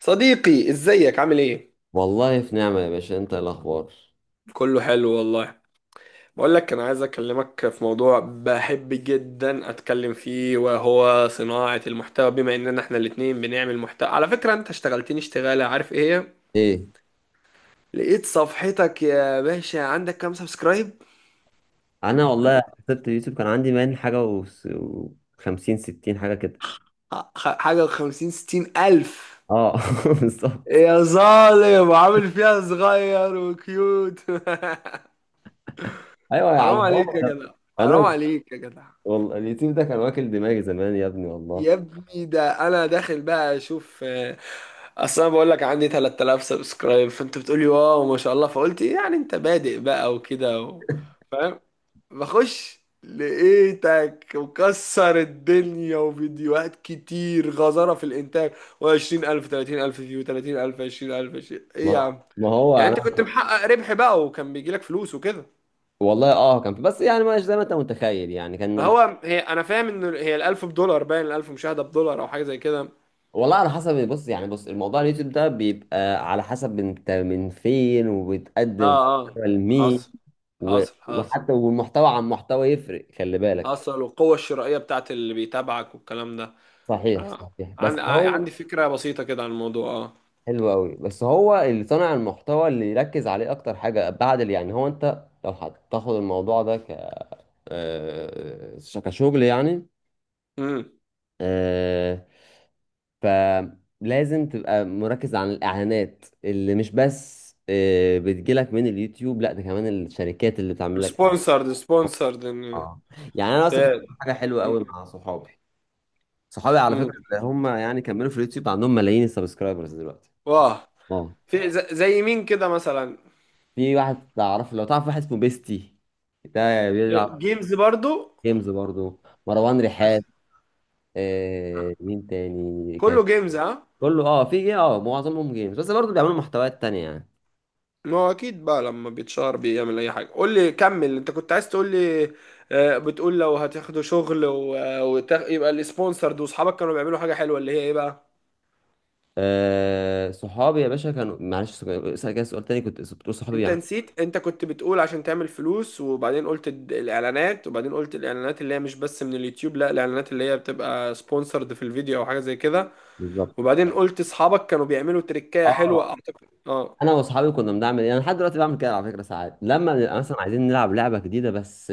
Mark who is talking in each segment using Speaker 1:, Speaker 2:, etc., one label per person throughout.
Speaker 1: صديقي، ازيك عامل ايه؟
Speaker 2: والله في نعمة يا باشا. انت إيه الاخبار؟
Speaker 1: كله حلو والله. بقول لك، انا عايز اكلمك في موضوع بحب جدا اتكلم فيه، وهو صناعة المحتوى. بما اننا احنا الاتنين بنعمل محتوى، على فكرة انت اشتغلتني اشتغالة، عارف ايه هي؟
Speaker 2: ايه.
Speaker 1: لقيت صفحتك يا باشا. عندك كام سبسكرايب؟
Speaker 2: انا والله سبت اليوتيوب كان عندي وخمسين ستين حاجة كده.
Speaker 1: حاجة وخمسين ستين الف؟
Speaker 2: اه، بالظبط.
Speaker 1: يا ظالم، عامل فيها صغير وكيوت.
Speaker 2: ايوه يا عم
Speaker 1: حرام
Speaker 2: هو
Speaker 1: عليك يا
Speaker 2: انا.
Speaker 1: جدع، حرام
Speaker 2: أنا
Speaker 1: عليك يا جدع.
Speaker 2: والله اليوتيوب ده كان واكل دماغي زمان يا ابني
Speaker 1: يا
Speaker 2: والله.
Speaker 1: ابني، ده انا داخل بقى اشوف. اصل انا بقول لك عندي 3,000 سبسكرايب، فانت بتقولي واو ما شاء الله، فقلت إيه، يعني انت بادئ بقى وكده فاهم. بخش لقيتك مكسر الدنيا وفيديوهات كتير، غزارة في الانتاج، و20000 30,000 فيو، 30,000 20,000 20، ايه يا
Speaker 2: ما
Speaker 1: عم.
Speaker 2: ما هو
Speaker 1: يعني انت
Speaker 2: انا.
Speaker 1: كنت محقق ربح بقى وكان بيجيلك فلوس وكده؟
Speaker 2: والله اه كان في، بس يعني مش زي ما انت متخيل، يعني كان ال...
Speaker 1: فهو هي انا فاهم ان هي ال1000 بدولار، باين ال1000 مشاهدة بدولار او حاجة زي كده.
Speaker 2: والله على حسب. بص يعني، بص الموضوع، اليوتيوب ده بيبقى على حسب انت من فين وبتقدم
Speaker 1: اه اه.
Speaker 2: محتوى لمين.
Speaker 1: حصل حصل حصل
Speaker 2: وحتى والمحتوى عن محتوى يفرق، خلي بالك.
Speaker 1: حصل. والقوة الشرائية بتاعت اللي بيتابعك والكلام ده.
Speaker 2: صحيح
Speaker 1: أنا
Speaker 2: صحيح، بس هو
Speaker 1: عندي فكرة بسيطة كده عن الموضوع. اه.
Speaker 2: حلو قوي. بس هو اللي صانع المحتوى اللي يركز عليه اكتر حاجه بعد اللي يعني، هو انت لو هتاخد الموضوع ده ك آه، كشغل يعني.
Speaker 1: امم.
Speaker 2: آه، فلازم تبقى مركز عن الاعلانات اللي مش بس بتجيلك من اليوتيوب، لا ده كمان الشركات اللي بتعمل لك اعلان.
Speaker 1: سبونسرد سبونسرد.
Speaker 2: اه، يعني انا اصلا كنت
Speaker 1: تاد.
Speaker 2: بعمل حاجه حلوه قوي مع صحابي. صحابي على
Speaker 1: امم.
Speaker 2: فكره هم يعني كملوا في اليوتيوب، عندهم ملايين السبسكرايبرز دلوقتي.
Speaker 1: واه.
Speaker 2: اه،
Speaker 1: في زي مين كده مثلا؟
Speaker 2: في واحد تعرف، لو تعرف واحد اسمه بيستي، ده بيلعب
Speaker 1: جيمز برضو.
Speaker 2: جيمز برضو. مروان
Speaker 1: بس
Speaker 2: رحاب. آه مين تاني كان؟
Speaker 1: كله جيمز، ها؟
Speaker 2: كله، اه في اه معظمهم جيمز، بس برضو بيعملوا محتويات تانية يعني.
Speaker 1: ما هو اكيد بقى لما بيتشهر بيعمل اي حاجة. قول لي، كمل انت كنت عايز تقول لي. بتقول لو هتاخدوا شغل يبقى السبونسرد، واصحابك كانوا بيعملوا حاجة حلوة اللي هي ايه بقى؟
Speaker 2: آه صحابي يا باشا كانوا، معلش سؤال كده، سؤال تاني كنت بتقول صحابي
Speaker 1: انت
Speaker 2: بيعملوا.
Speaker 1: نسيت، انت كنت بتقول عشان تعمل فلوس، وبعدين قلت الاعلانات، وبعدين قلت الاعلانات اللي هي مش بس من اليوتيوب، لا، الاعلانات اللي هي بتبقى سبونسرد في الفيديو او حاجة زي كده.
Speaker 2: بالظبط.
Speaker 1: وبعدين قلت اصحابك كانوا بيعملوا تريكاية حلوة،
Speaker 2: اه،
Speaker 1: اعتقد. اه
Speaker 2: انا واصحابي كنا بنعمل ايه؟ انا لحد دلوقتي بعمل كده على فكره. ساعات لما بنبقى مثلا عايزين نلعب لعبه جديده، بس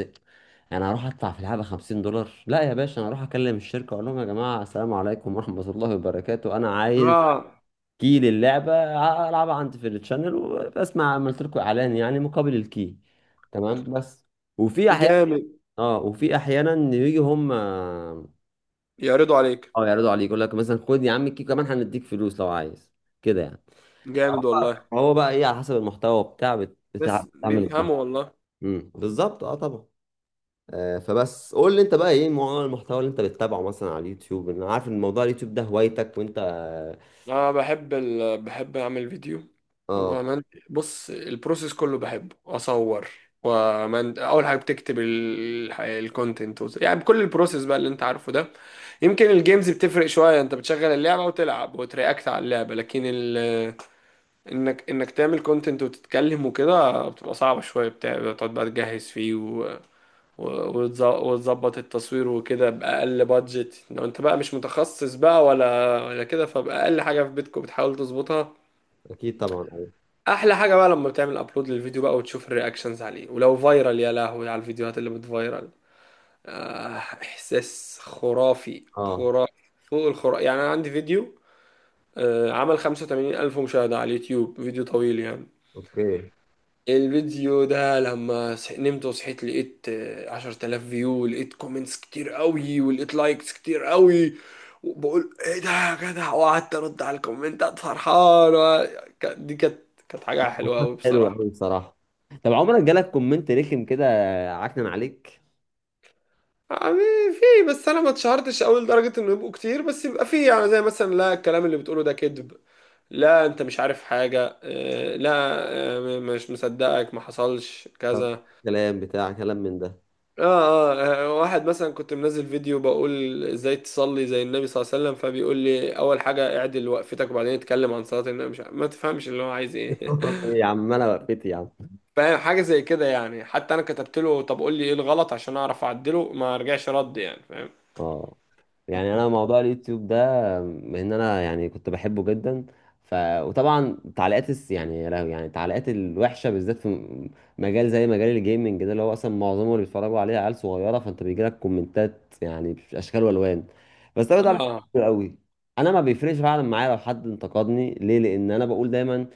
Speaker 2: انا هروح ادفع في لعبه 50$؟ لا يا باشا، انا هروح اكلم الشركه، اقول لهم يا جماعه السلام عليكم ورحمه الله وبركاته، انا عايز
Speaker 1: اه.
Speaker 2: كي للعبة ألعبها عندي في التشانل، وبسمع عملت لكم إعلان، يعني مقابل الكي. تمام بس. وفي أحيانا،
Speaker 1: جامد.
Speaker 2: اه وفي أحيانا يجي هم اه
Speaker 1: يعرضوا عليك.
Speaker 2: يعرضوا عليك، يقول لك مثلا خد يا عم الكي، كمان هنديك فلوس لو عايز كده يعني.
Speaker 1: جامد والله.
Speaker 2: هو بقى ايه على حسب المحتوى بتاع بت-
Speaker 1: بس
Speaker 2: بتاع بتعمل
Speaker 1: بيفهموا
Speaker 2: ده.
Speaker 1: والله.
Speaker 2: امم، بالظبط، اه طبعا. آه، فبس قول لي انت بقى، ايه نوع المحتوى اللي انت بتتابعه مثلا على اليوتيوب؟ انا عارف ان موضوع اليوتيوب ده هوايتك وانت.
Speaker 1: انا بحب بحب اعمل فيديو.
Speaker 2: اه
Speaker 1: ومن... بص، البروسيس كله بحبه. اصور اول حاجه بتكتب الكونتنت يعني بكل البروسيس بقى اللي انت عارفه ده. يمكن الجيمز بتفرق شويه، انت بتشغل اللعبه وتلعب وترياكت على اللعبه، لكن انك تعمل كونتنت وتتكلم وكده بتبقى صعبه شويه. بتاع، بتقعد بقى تجهز فيه وتظبط التصوير وكده بأقل بادجت، لو انت بقى مش متخصص بقى ولا كده، فبأقل حاجة في بيتكم بتحاول تظبطها.
Speaker 2: اكيد طبعا. اه.
Speaker 1: أحلى حاجة بقى لما بتعمل أبلود للفيديو بقى وتشوف الرياكشنز عليه، ولو فايرال، يا لهوي على الفيديوهات اللي بتفايرال. آه، إحساس خرافي،
Speaker 2: آه،
Speaker 1: خرافي، فوق الخرافي يعني. أنا عندي فيديو، آه، عمل 85 ألف مشاهدة على اليوتيوب، فيديو طويل يعني.
Speaker 2: اوكي.
Speaker 1: الفيديو ده لما نمت وصحيت لقيت 10 آلاف فيو، لقيت كومنتس كتير قوي ولقيت لايكس كتير قوي، وبقول ايه ده يا جدع، وقعدت ارد على الكومنتات فرحان دي كانت، كانت حاجة حلوة قوي
Speaker 2: حلو
Speaker 1: بصراحة.
Speaker 2: قوي بصراحه. طب عمرك جالك كومنت رخم كده، عكنن عليك؟
Speaker 1: يعني في، بس انا ما اتشهرتش قوي لدرجة انه يبقوا كتير، بس يبقى في يعني زي مثلا، لا الكلام اللي بتقوله ده كذب، لا انت مش عارف حاجة. آه، لا. مش مصدقك، ما حصلش
Speaker 2: طب،
Speaker 1: كذا.
Speaker 2: كلام بتاع كلام من ده؟
Speaker 1: واحد مثلا كنت منزل فيديو بقول ازاي تصلي زي النبي صلى الله عليه وسلم، فبيقول لي اول حاجة اعدل وقفتك وبعدين اتكلم عن صلاة النبي، مش ما تفهمش اللي هو عايز ايه.
Speaker 2: ايه يا عم انا وقفت يا عم.
Speaker 1: فاهم، حاجة زي كده يعني. حتى انا كتبت له طب قول لي ايه الغلط عشان اعرف اعدله، ما رجعش رد، يعني فاهم.
Speaker 2: اه، يعني انا موضوع اليوتيوب ده، ان انا يعني كنت بحبه جدا. ف، وطبعا يعني يا لهوي، يعني التعليقات الوحشه، بالذات في مجال زي مجال الجيمنج ده، اللي هو اصلا معظمه اللي بيتفرجوا عليه عيال صغيره، فانت بيجي لك كومنتات يعني باشكال والوان. بس انا بتعمل حاجات
Speaker 1: اه.
Speaker 2: كتير قوي. انا ما بيفرقش فعلا معايا لو حد انتقدني، ليه؟ لان انا بقول دايما،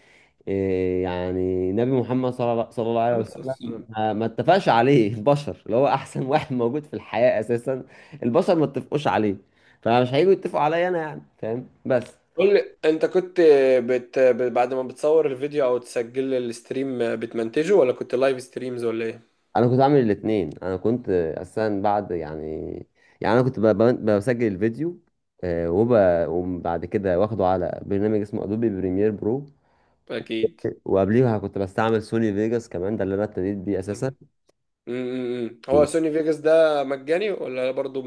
Speaker 2: إيه يعني نبي محمد صلى الله عليه
Speaker 1: خلاص
Speaker 2: وسلم
Speaker 1: أصلاً.
Speaker 2: ما اتفقش عليه البشر، اللي هو احسن واحد موجود في الحياة اساسا. البشر ما اتفقوش عليه، فمش هيجوا يتفقوا عليا انا، يعني فاهم بس.
Speaker 1: قول لي، انت كنت بعد ما بتصور الفيديو او تسجل الستريم بتمنتجه، ولا كنت لايف ستريمز ولا ايه؟
Speaker 2: انا كنت عامل الاتنين، انا كنت اساسا بعد يعني، يعني انا كنت بسجل الفيديو، آه، وب... وبعد كده واخده على برنامج اسمه ادوبي بريمير برو.
Speaker 1: اكيد.
Speaker 2: وقبليها كنت بستعمل سوني فيجاس كمان، ده اللي انا ابتديت بيه اساسا.
Speaker 1: مم. مم. هو سوني فيجاس ده مجاني ولا برضه؟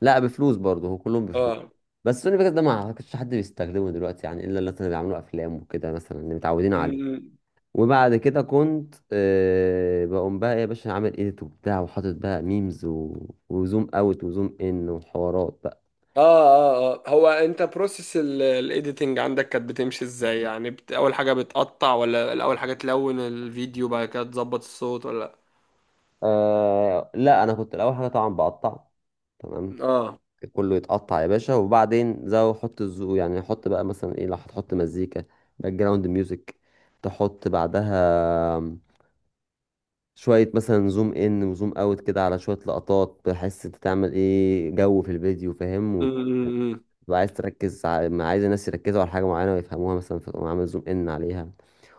Speaker 2: لا بفلوس برضه، هو كلهم بفلوس.
Speaker 1: اه.
Speaker 2: بس سوني فيجاس ده ما اعتقدش حد بيستخدمه دلوقتي يعني، الا الناس اللي مثلا بيعملوا افلام وكده، مثلا اللي متعودين عليه.
Speaker 1: أمم.
Speaker 2: وبعد كده كنت أه بقوم بقى إيه يا باشا، عامل ايديت وبتاع، وحاطط بقى ميمز وزوم اوت وزوم ان وحوارات بقى.
Speaker 1: اه اه اه، هو انت بروسيس الايديتنج عندك كانت بتمشي ازاي؟ يعني بت، اول حاجه بتقطع، ولا الاول حاجه تلون الفيديو بعد كده تظبط الصوت، ولا؟
Speaker 2: أه لا، انا كنت الاول حاجه طبعا بقطع. تمام،
Speaker 1: اه.
Speaker 2: كله يتقطع يا باشا. وبعدين زو حط الزو يعني حط بقى مثلا ايه، لو هتحط مزيكا، باك جراوند ميوزك، تحط بعدها شوية مثلا زوم ان وزوم اوت كده على شوية لقطات، بحيث انت تعمل ايه جو في الفيديو، فاهم.
Speaker 1: امم.
Speaker 2: وتبقى عايز تركز ما عايز الناس يركزوا على حاجة معينة ويفهموها مثلا، فتقوم عامل زوم ان عليها.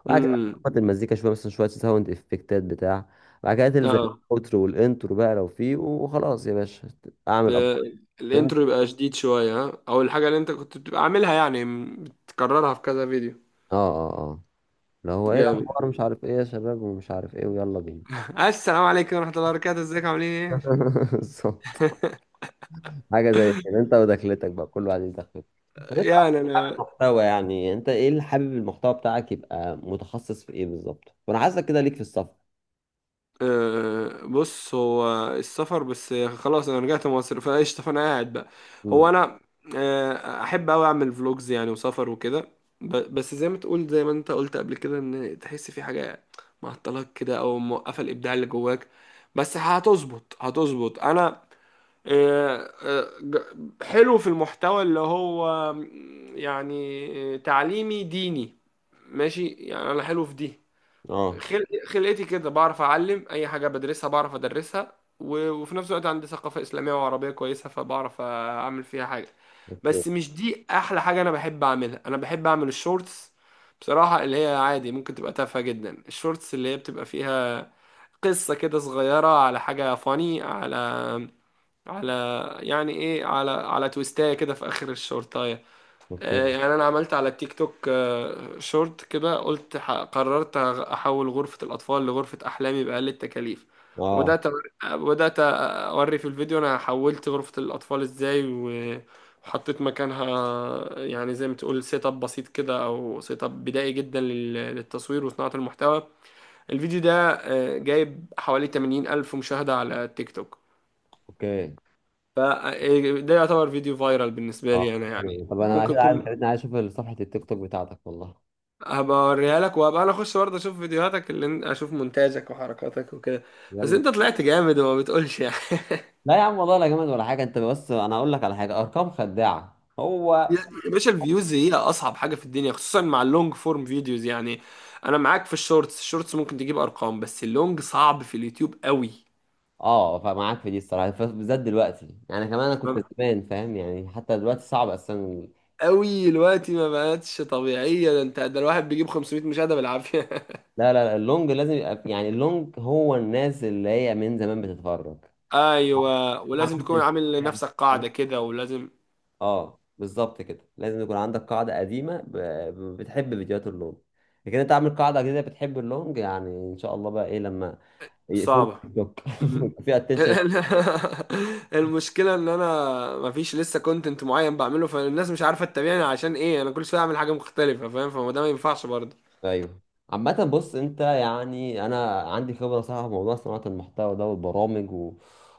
Speaker 2: وبعد كده
Speaker 1: امم.
Speaker 2: تظبط المزيكا شوية، مثلا شوية ساوند افكتات بتاع. بعد كده تلزق
Speaker 1: اه.
Speaker 2: الاوترو والانترو بقى لو فيه، وخلاص يا باشا اعمل اب.
Speaker 1: آه، الانترو يبقى شديد شويه ها، او الحاجه اللي انت كنت بتبقى عاملها يعني بتكررها في كذا فيديو.
Speaker 2: اه اه اه لو، هو ايه
Speaker 1: جامد.
Speaker 2: الاخبار مش عارف ايه يا شباب، ومش عارف ايه، ويلا بينا.
Speaker 1: السلام عليكم ورحمه الله وبركاته، ازيك، عاملين
Speaker 2: بالظبط، حاجة زي كده. انت ودخلتك بقى، كل واحد ليه دخلته.
Speaker 1: ايه؟ يعني
Speaker 2: عامل
Speaker 1: انا،
Speaker 2: محتوى يعني، انت ايه اللي حابب المحتوى بتاعك يبقى متخصص في ايه بالظبط؟ وانا عايزك كده ليك في السفر.
Speaker 1: أه بص، هو السفر بس خلاص، انا رجعت مصر فقشطة، فانا قاعد بقى.
Speaker 2: امم.
Speaker 1: هو انا، أه احب اوي اعمل فلوجز يعني وسفر وكده. بس زي ما تقول، زي ما انت قلت قبل كده، ان تحس في حاجة معطلاك كده او موقفة الابداع اللي جواك، بس هتظبط هتظبط. انا، حلو في المحتوى اللي هو يعني تعليمي ديني، ماشي، يعني انا حلو في دي.
Speaker 2: اه.
Speaker 1: خلقتي كده، بعرف اعلم اي حاجه بدرسها بعرف ادرسها، وفي نفس الوقت عندي ثقافه اسلاميه وعربيه كويسه، فبعرف اعمل فيها حاجه.
Speaker 2: اوكي.
Speaker 1: بس مش دي احلى حاجه انا بحب اعملها، انا بحب اعمل الشورتس بصراحه، اللي هي عادي ممكن تبقى تافهه جدا. الشورتس اللي هي بتبقى فيها قصه كده صغيره على حاجه، فاني على، على، يعني ايه، على على تويستايه كده في اخر الشورتايه.
Speaker 2: اوكي.
Speaker 1: يعني انا عملت على التيك توك، شورت كده قلت قررت احول غرفة الاطفال لغرفة احلامي باقل التكاليف،
Speaker 2: اه.
Speaker 1: وبدات بدات اوري في الفيديو انا حولت غرفة الاطفال ازاي، و وحطيت مكانها يعني زي ما تقول سيت اب بسيط كده، او سيت اب بدائي جدا للتصوير وصناعة المحتوى. الفيديو ده، جايب حوالي 80 الف مشاهدة على التيك توك،
Speaker 2: اوكي.
Speaker 1: فده يعتبر فيديو فايرال بالنسبة
Speaker 2: اه
Speaker 1: لي انا، يعني
Speaker 2: حلو. طب انا
Speaker 1: ممكن
Speaker 2: كده عايز،
Speaker 1: يكون.
Speaker 2: خليتني عايز اشوف صفحة التيك توك بتاعتك والله.
Speaker 1: هبقى اوريها لك، وهبقى انا اخش برضه اشوف فيديوهاتك اللي انت، اشوف مونتاجك وحركاتك وكده. بس
Speaker 2: يلا.
Speaker 1: انت طلعت جامد وما بتقولش يعني.
Speaker 2: لا يا عم والله لا جامد ولا حاجة، انت بس انا اقول لك على حاجة، ارقام خداعة هو.
Speaker 1: يا باشا، الفيوز هي اصعب حاجه في الدنيا خصوصا مع اللونج فورم فيديوز يعني. انا معاك في الشورتس، الشورتس ممكن تجيب ارقام، بس اللونج صعب في اليوتيوب قوي.
Speaker 2: اه، فمعاك في دي الصراحة، بالذات دلوقتي يعني كمان. انا كنت
Speaker 1: تمام؟
Speaker 2: زمان فاهم يعني، حتى دلوقتي صعب اصلا.
Speaker 1: قوي دلوقتي ما بقتش طبيعيه، ده انت ده الواحد بيجيب 500 مشاهده بالعافيه.
Speaker 2: لا لا لا، اللونج لازم يبقى يعني، اللونج هو الناس اللي هي من زمان بتتفرج.
Speaker 1: ايوه،
Speaker 2: ما
Speaker 1: ولازم تكون
Speaker 2: عملتش
Speaker 1: عامل
Speaker 2: يعني.
Speaker 1: لنفسك قاعده كده، ولازم.
Speaker 2: اه بالظبط كده، لازم يكون عندك قاعدة قديمة بتحب فيديوهات اللون. لكن انت عامل قاعدة جديدة بتحب اللونج، يعني ان شاء الله بقى ايه لما يقفلوا
Speaker 1: صعبة.
Speaker 2: التيك توك
Speaker 1: م.
Speaker 2: يبقى في اتنشن.
Speaker 1: المشكلة ان انا مفيش لسه كونتنت معين بعمله، فالناس مش عارفة تتابعني عشان ايه، انا كل شوية اعمل حاجة مختلفة، فاهم؟ فما ده ما ينفعش برضه.
Speaker 2: ايوه. عامة بص، انت يعني انا عندي خبرة صح في موضوع صناعة المحتوى ده والبرامج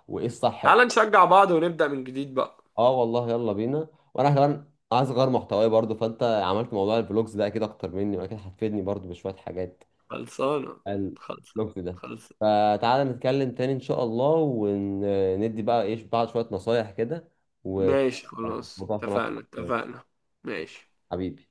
Speaker 2: وايه الصح.
Speaker 1: تعال نشجع بعض ونبدأ من جديد بقى.
Speaker 2: اه والله يلا بينا. وانا كمان عايز اغير محتواي برضو، فانت عملت موضوع الفلوجز ده اكيد اكتر مني، واكيد هتفيدني برضو بشوية حاجات
Speaker 1: خلصانة خلصانة
Speaker 2: الوقت ده.
Speaker 1: خلصانة.
Speaker 2: فتعالى نتكلم تاني ان شاء الله، وندي بقى ايش بعض شوية نصايح كده.
Speaker 1: ماشي خلاص،
Speaker 2: والموضوع في نقطة،
Speaker 1: اتفقنا اتفقنا. ماشي.
Speaker 2: حبيبي.